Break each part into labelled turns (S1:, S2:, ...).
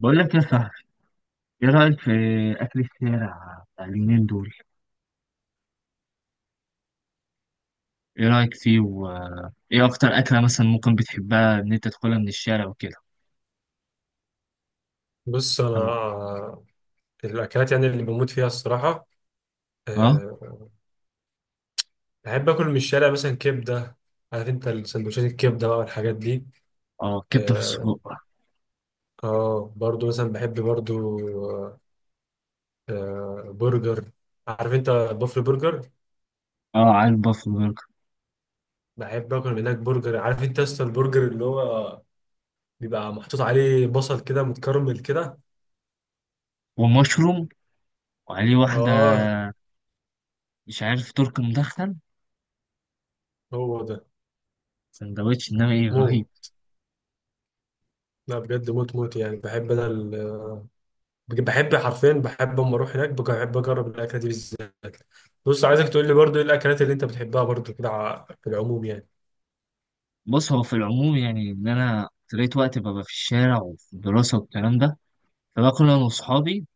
S1: بقول لك يا صاحبي، ايه رأيك في أكل الشارع بتاع اليومين دول؟ ايه رأيك فيه و ايه أكتر أكلة مثلا ممكن بتحبها إن أنت تاكلها من الشارع وكده؟
S2: بص،
S1: تمام.
S2: انا الاكلات يعني اللي بموت فيها الصراحه.
S1: اه.
S2: أه بحب اكل من الشارع مثلا كبده. عارف انت السندوتشات الكبده بقى والحاجات دي.
S1: اه، كبدة في
S2: اه.
S1: السجق.
S2: برضو مثلا بحب برضو أه آه، برجر. عارف انت بافلو برجر.
S1: اه، على البافلو برجر
S2: بحب اكل من هناك برجر. عارف انت اصلا البرجر اللي هو بيبقى محطوط عليه بصل كده متكرمل كده.
S1: ومشروم. وعليه واحدة،
S2: اه.
S1: مش عارف، ترك مدخن
S2: هو ده.
S1: سندوتش، إنما ايه رهيب.
S2: موت. لا بجد، موت موت، يعني بحب انا بحب حرفيا، بحب اما اروح هناك بحب اجرب الاكله دي بالذات. بص، عايزك تقول لي برضو ايه الاكلات اللي انت بتحبها برضو كده في العموم يعني.
S1: بص، هو في العموم يعني، إن أنا طريت وقت ببقى في الشارع وفي الدراسة والكلام ده، فباكل أنا وأصحابي،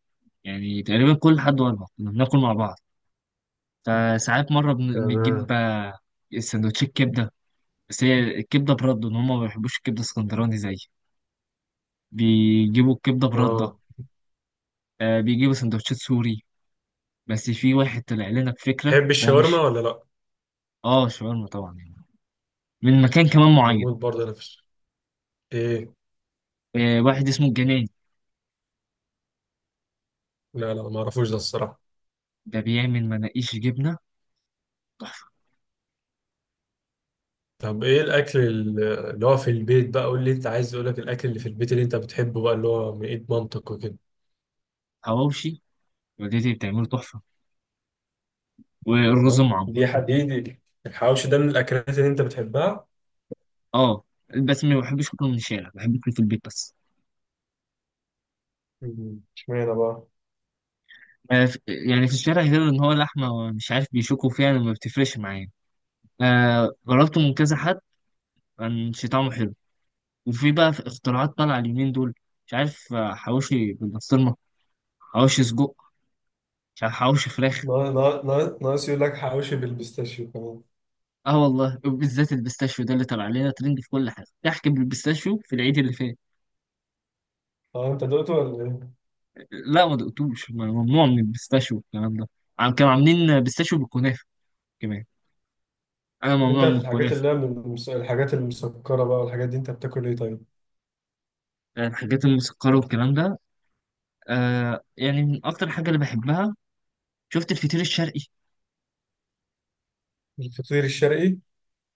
S1: يعني تقريبا كل حد وأنا كنا بناكل مع بعض. فساعات مرة
S2: تمام.
S1: بنجيب سندوتشات كبدة. بس هي الكبدة برده، إن هما ما بيحبوش الكبدة اسكندراني زي، بيجيبوا الكبدة برده.
S2: اه،
S1: بيجيبوا سندوتشات سوري. بس في واحد طلع لنا بفكرة
S2: تحب
S1: هو مش.
S2: الشاورما ولا لا؟
S1: اه، شاورما طبعا يعني، من مكان كمان معين.
S2: بموت برضه انا ايه.
S1: واحد اسمه الجناني،
S2: لا لا، ما اعرفوش ده الصراحه.
S1: ده بيعمل مناقيش جبنة تحفة.
S2: طب، ايه الاكل اللي هو في البيت بقى، قول لي، انت عايز اقول لك الاكل اللي في البيت اللي انت بتحبه بقى اللي هو من ايد مامتك وكده.
S1: حواوشي، والدتي بتعمله تحفة، والرز
S2: اه،
S1: معمر.
S2: دي حديدي. الحواوشي ده من الاكلات اللي انت بتحبها؟
S1: اه، بس ما بحبش اكله من الشارع، بحب اكله في البيت بس.
S2: اشمعنى بقى؟
S1: يعني في الشارع، غير ان هو لحمه مش عارف بيشوكوا فيها، أنا ما بتفرقش معايا. جربته من كذا حد، كان شي طعمه حلو. وفي بقى في اختراعات طالعة اليومين دول، مش عارف، حواوشي بالبسطرمة، حواوشي سجق، مش عارف حواوشي فراخ.
S2: ناقص يقول لك حواوشي بالبيستاشيو كمان.
S1: اه والله، بالذات البيستاشيو ده اللي طلع علينا ترند في كل حاجة تحكي بالبيستاشيو في العيد اللي فات.
S2: اه، انت دقته ولا ايه؟
S1: لا ما دقتوش، ممنوع من البيستاشيو الكلام ده. عم كانوا عاملين بيستاشيو بالكنافة كمان. انا
S2: طب،
S1: ممنوع
S2: انت
S1: من
S2: في الحاجات
S1: الكنافة.
S2: اللي هي من الحاجات المسكرة بقى والحاجات دي، انت بتاكل ايه طيب؟
S1: الحاجات المسكرة والكلام ده، يعني من اكتر حاجة اللي بحبها، شفت الفطير الشرقي.
S2: الفطير الشرقي.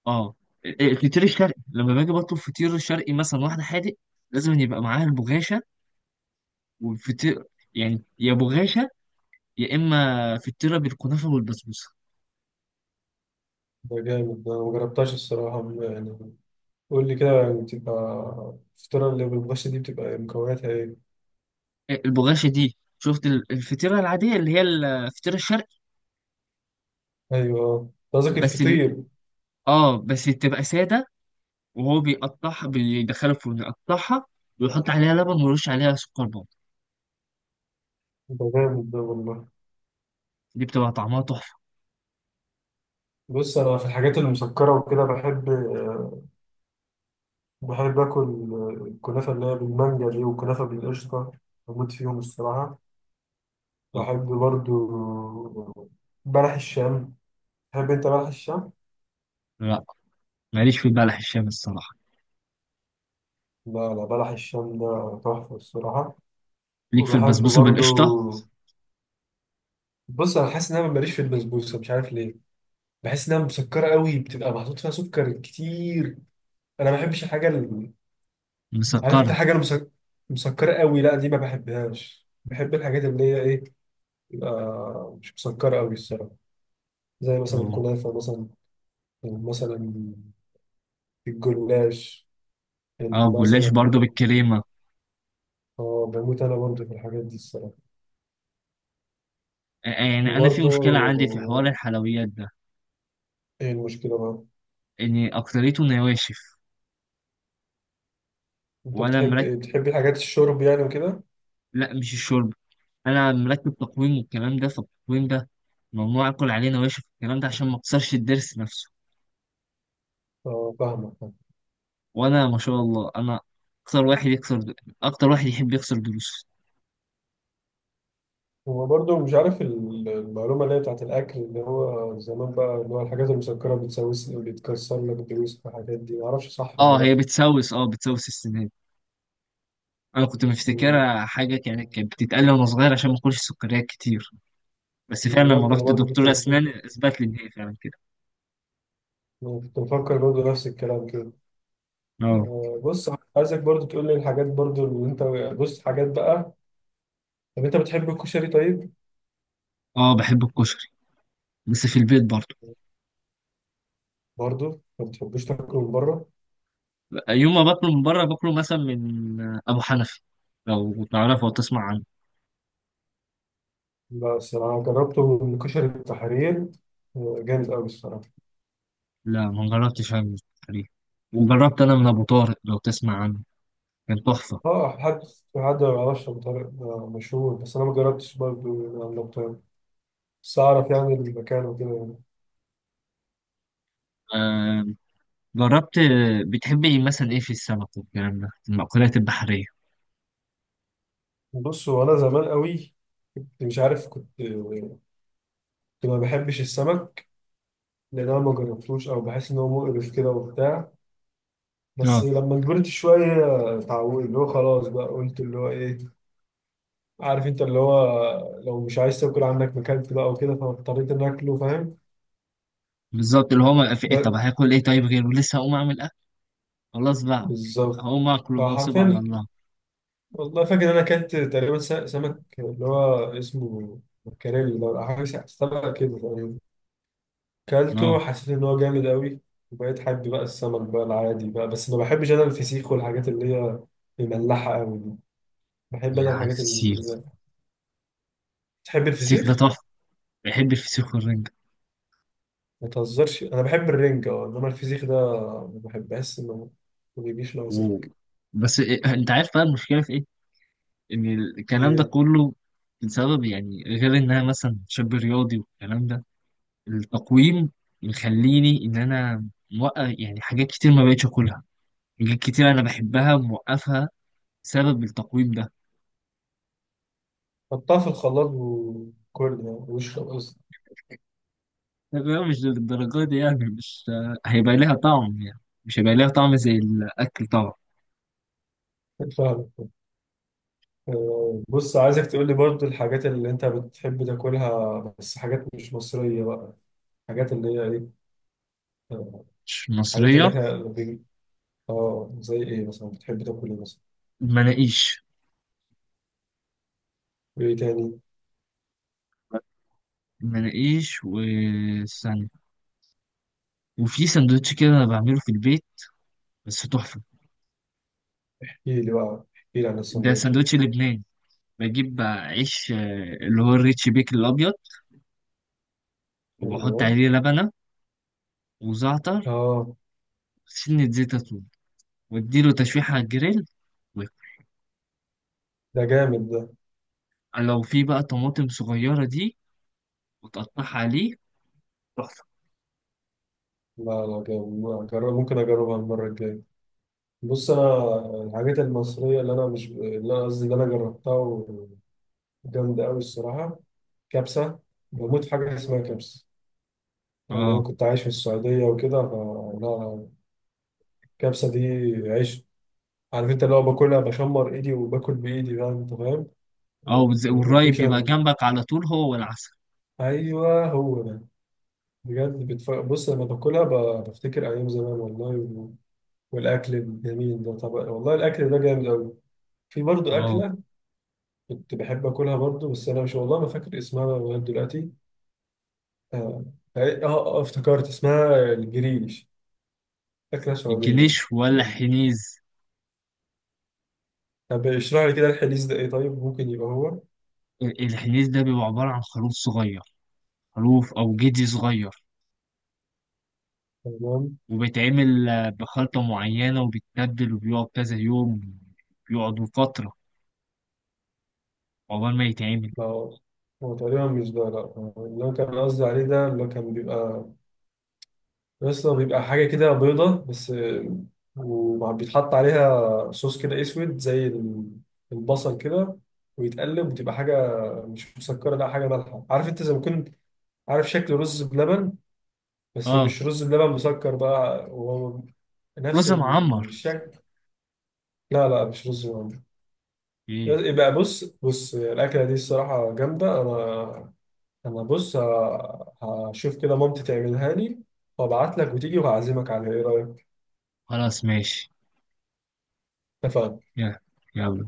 S1: اه. إيه، الفطير الشرقي، لما باجي بطلب فطير شرقي مثلا واحدة حادق، لازم يبقى معاها البغاشة والفطير. يعني يا بغاشة، يا إما فطيرة بالكنافة والبسبوسة.
S2: ده جامد ده، ما جربتهاش الصراحة، يعني. قول لي كده يعني الفطيرة اللي بالبش دي بتبقى مكوناتها ايه؟
S1: إيه، البغاشة دي، شفت الفطيرة العادية اللي هي الفطيرة الشرقي؟
S2: ايوه، ده قصدك
S1: بس م...
S2: الفطير.
S1: اه، بس تبقى سادة، وهو بيقطعها بيدخلها الفرن يقطعها، ويحط عليها لبن ويرش عليها سكر بودر.
S2: ده جامد ده والله.
S1: دي بتبقى طعمها تحفة.
S2: بص، انا في الحاجات المسكرة وكده بحب اكل الكنافة اللي هي بالمانجا دي، والكنافة بالقشطة. بموت فيهم الصراحة.
S1: اه.
S2: بحب برضو بلح الشام. تحب انت بلح الشام؟
S1: لا، ماليش في البلح الشام الصراحة.
S2: لا لا، بلح الشام ده تحفة الصراحة.
S1: ليك في
S2: وبحب
S1: البسبوسة بالقشطة.
S2: برضو. بص، أنا حاسس إن أنا ماليش في البسبوسة، مش عارف ليه. بحس إنها مسكرة قوي، بتبقى محطوط فيها سكر كتير. أنا ما بحبش الحاجة اللي، عارف أنت
S1: مسكرة.
S2: الحاجة مسكرة قوي، لا دي ما بحبهاش. بحب الحاجات اللي هي إيه، تبقى مش مسكرة قوي الصراحة. زي مثلا الكنافة مثلا الجلاش
S1: اه، جلاش
S2: مثلا
S1: برضو
S2: بحب.
S1: بالكريمة.
S2: اه، بموت أنا برضو في الحاجات دي الصراحة
S1: يعني أنا في
S2: وبرضو.
S1: مشكلة عندي في حوار الحلويات ده،
S2: ايه المشكلة بقى؟
S1: إن أكتريته نواشف.
S2: انت
S1: وأنا
S2: بتحب
S1: مركب.
S2: ايه، بتحبي حاجات الشرب يعني وكده؟
S1: لا، مش الشرب، أنا مركب تقويم والكلام ده، فالتقويم ده ممنوع آكل عليه نواشف والكلام ده، عشان ما أكسرش الضرس نفسه.
S2: اه، فاهمك فاهم.
S1: وأنا ما شاء الله، أنا أكتر واحد يكسر، أكتر واحد يحب يكسر ضروسه.
S2: هو برضو مش عارف المعلومة اللي هي بتاعت الأكل، اللي هو زمان بقى، اللي هو الحاجات المسكرة بتسوس، بتكسر لك الدروس والحاجات دي، معرفش صح ولا
S1: اه،
S2: لأ.
S1: هي بتسوس، اه بتسوس السنان. أنا كنت
S2: مم.
S1: مفتكرها حاجة كانت بتتقال لي وأنا صغير، عشان ما آكلش سكريات كتير. بس فعلا لما
S2: بالظبط، أنا
S1: رحت
S2: برضو
S1: لدكتور أسنان أثبت لي إن هي فعلا كده.
S2: كنت مفكر برضو نفس الكلام كده.
S1: اه.
S2: بص، عايزك برضو تقول لي الحاجات برضو اللي أنت بص حاجات بقى. طب أنت بتحب الكشري طيب؟
S1: اه، بحب الكشري، بس في البيت برضه.
S2: برضو ما بتحبوش تاكله من بره؟
S1: يوم ما باكله من بره، باكله مثلا من ابو حنفي، لو تعرفه او تسمع عنه.
S2: لا، الصراحة جربته من كشري التحرير. جامد أوي الصراحة.
S1: لا، ما جربتش عنه تقريبا. وجربت انا من ابو طارق، لو تسمع عنه، كان تحفه.
S2: اه، في حد ما يعرفش أبو طارق، ده مشهور، بس انا ما جربتش برضه يعني أبو طارق. بس اعرف يعني المكان وكده يعني.
S1: آه جربت. بتحب ايه مثلا، ايه في السمك والكلام ده، المأكولات البحريه؟
S2: بص، هو انا زمان قوي كنت مش عارف، كنت ما بحبش السمك، لان انا ما جربتوش، او بحس ان هو مقرف كده وبتاع. بس
S1: اه،
S2: لما كبرت شويه اتعودت، اللي هو خلاص بقى، قلت اللي هو ايه، عارف انت اللي هو، لو مش عايز تاكل عندك مكلت بقى وكده، فاضطريت ان اكله، فاهم.
S1: بالظبط، اللي هو ما في إيه، طب
S2: ب-
S1: هاكل ايه طيب غيره، لسه هقوم اعمل اكل، خلاص بقى،
S2: بالظبط.
S1: هقوم اكله بقى وسيب على
S2: فحرفيا،
S1: الله.
S2: والله فاكر إن أنا أكلت تقريبا سمك اللي هو اسمه مكاريلي لو حاجة، سمك كده تقريبا. أكلته
S1: اه،
S2: حسيت إن هو جامد أوي، وبقيت حابب بقى السمك بقى العادي بقى، بس ما بحبش أنا الفسيخ والحاجات اللي هي مملحة أوي دي. بحب
S1: يعني
S2: أنا
S1: عارف
S2: الحاجات
S1: السيخ،
S2: اللي... تحب
S1: السيخ ده
S2: الفسيخ؟
S1: تحفه. بحب الفسيخ والرنجه.
S2: ما تهزرش، أنا بحب الرنجة أه، إنما الفسيخ ده ما بحبهاش، إنه ما بيجيش
S1: و...
S2: ناقصك
S1: بس إيه، انت عارف بقى المشكله في ايه؟ ان الكلام ده
S2: إيه.
S1: كله بسبب يعني، غير ان انا مثلا شاب رياضي والكلام ده، التقويم مخليني ان انا موقف، يعني حاجات كتير ما بقتش اكلها، حاجات كتير انا بحبها موقفها، بسبب التقويم ده.
S2: حطها في الخلاط وكل، يعني واشرب قصدي،
S1: طب هو مش للدرجه دي يعني، مش هيبقى ليها طعم، يعني مش هيبقى ليها طعم زي الاكل طبعا.
S2: فاهم. بص، عايزك تقول لي برضو الحاجات اللي انت بتحب تاكلها، بس حاجات مش مصرية بقى، حاجات اللي هي ايه. آه،
S1: مش
S2: حاجات اللي
S1: مصريه.
S2: احنا اه، زي ايه مثلا، بتحب تاكل ايه مثلا؟
S1: مناقيش.
S2: وايه تاني؟
S1: مناقيش، والثانية، وفي سندوتش كده انا بعمله في البيت، بس تحفه.
S2: احكي لي بقى، احكي لي عن
S1: ده
S2: السندوتش ده.
S1: سندوتش لبنان. بجيب بقى عيش اللي هو الريتش بيكن الأبيض، وبحط
S2: ايوه.
S1: عليه لبنة وزعتر،
S2: اه،
S1: سنة زيت زيتون، واديله تشويحة على الجريل، ويك-
S2: ده جامد ده.
S1: لو في بقى طماطم صغيرة دي، وتقطعها عليه، تحفة.
S2: لا لا، جامد، ما أجرب، ممكن اجربها المرة الجاية. بص، انا الحاجات المصرية اللي انا مش اللي انا قصدي اللي انا جربتها، وجامدة قوي الصراحة. كبسة. بموت في حاجة اسمها كبسة، يعني أنا
S1: اه.
S2: كنت عايش في السعودية وكده، فلا الكبسة دي عيش. عارف أنت، اللي هو باكلها بشمر إيدي وباكل بإيدي بقى، أنت فاهم.
S1: اه،
S2: وما
S1: والراي
S2: باكلش أنا
S1: بيبقى جنبك على طول، هو والعسل.
S2: أيوه، هو ده. بجد بص لما باكلها بفتكر أيام زمان والله والأكل الجميل ده. طب والله الأكل ده جامد أوي. في برضه
S1: اه.
S2: أكلة كنت بحب آكلها برضه، بس أنا مش والله ما فاكر اسمها لغاية دلوقتي. آه افتكرت اسمها الجريش. أكلة سعودية.
S1: الجنيش ولا حنيز؟
S2: طب اشرح لي كده الحديث ده ايه طيب؟ ممكن يبقى هو.
S1: الحنيز ده بيبقى عبارة عن خروف صغير، خروف أو جدي صغير،
S2: تمام.
S1: وبيتعمل بخلطة معينة وبيتبل وبيقعد كذا يوم، بيقعدوا فترة عقبال ما يتعمل.
S2: لا، هو هو تقريبا مش ده، لا هو اللي هو كان قصدي عليه ده، اللي هو كان بيبقى، اصلا بيبقى حاجة كده بيضة بس، وبيتحط عليها صوص كده اسود زي البصل كده، ويتقلب وتبقى حاجة مش مسكرة، لا حاجة مالحة، عارف انت، زي ما كنت عارف شكل رز بلبن، بس
S1: اه.
S2: مش رز بلبن مسكر بقى، هو نفس
S1: رز معمر.
S2: الشكل. لا لا، مش رز بلبن.
S1: ايه.
S2: يبقى بص بص، الأكلة دي الصراحة جامدة. أنا بص، هشوف كده مامتي تعملها لي، وأبعت لك وتيجي وهعزمك عليها، إيه رأيك؟
S1: خلاص ماشي.
S2: اتفقنا.
S1: يلا يلا.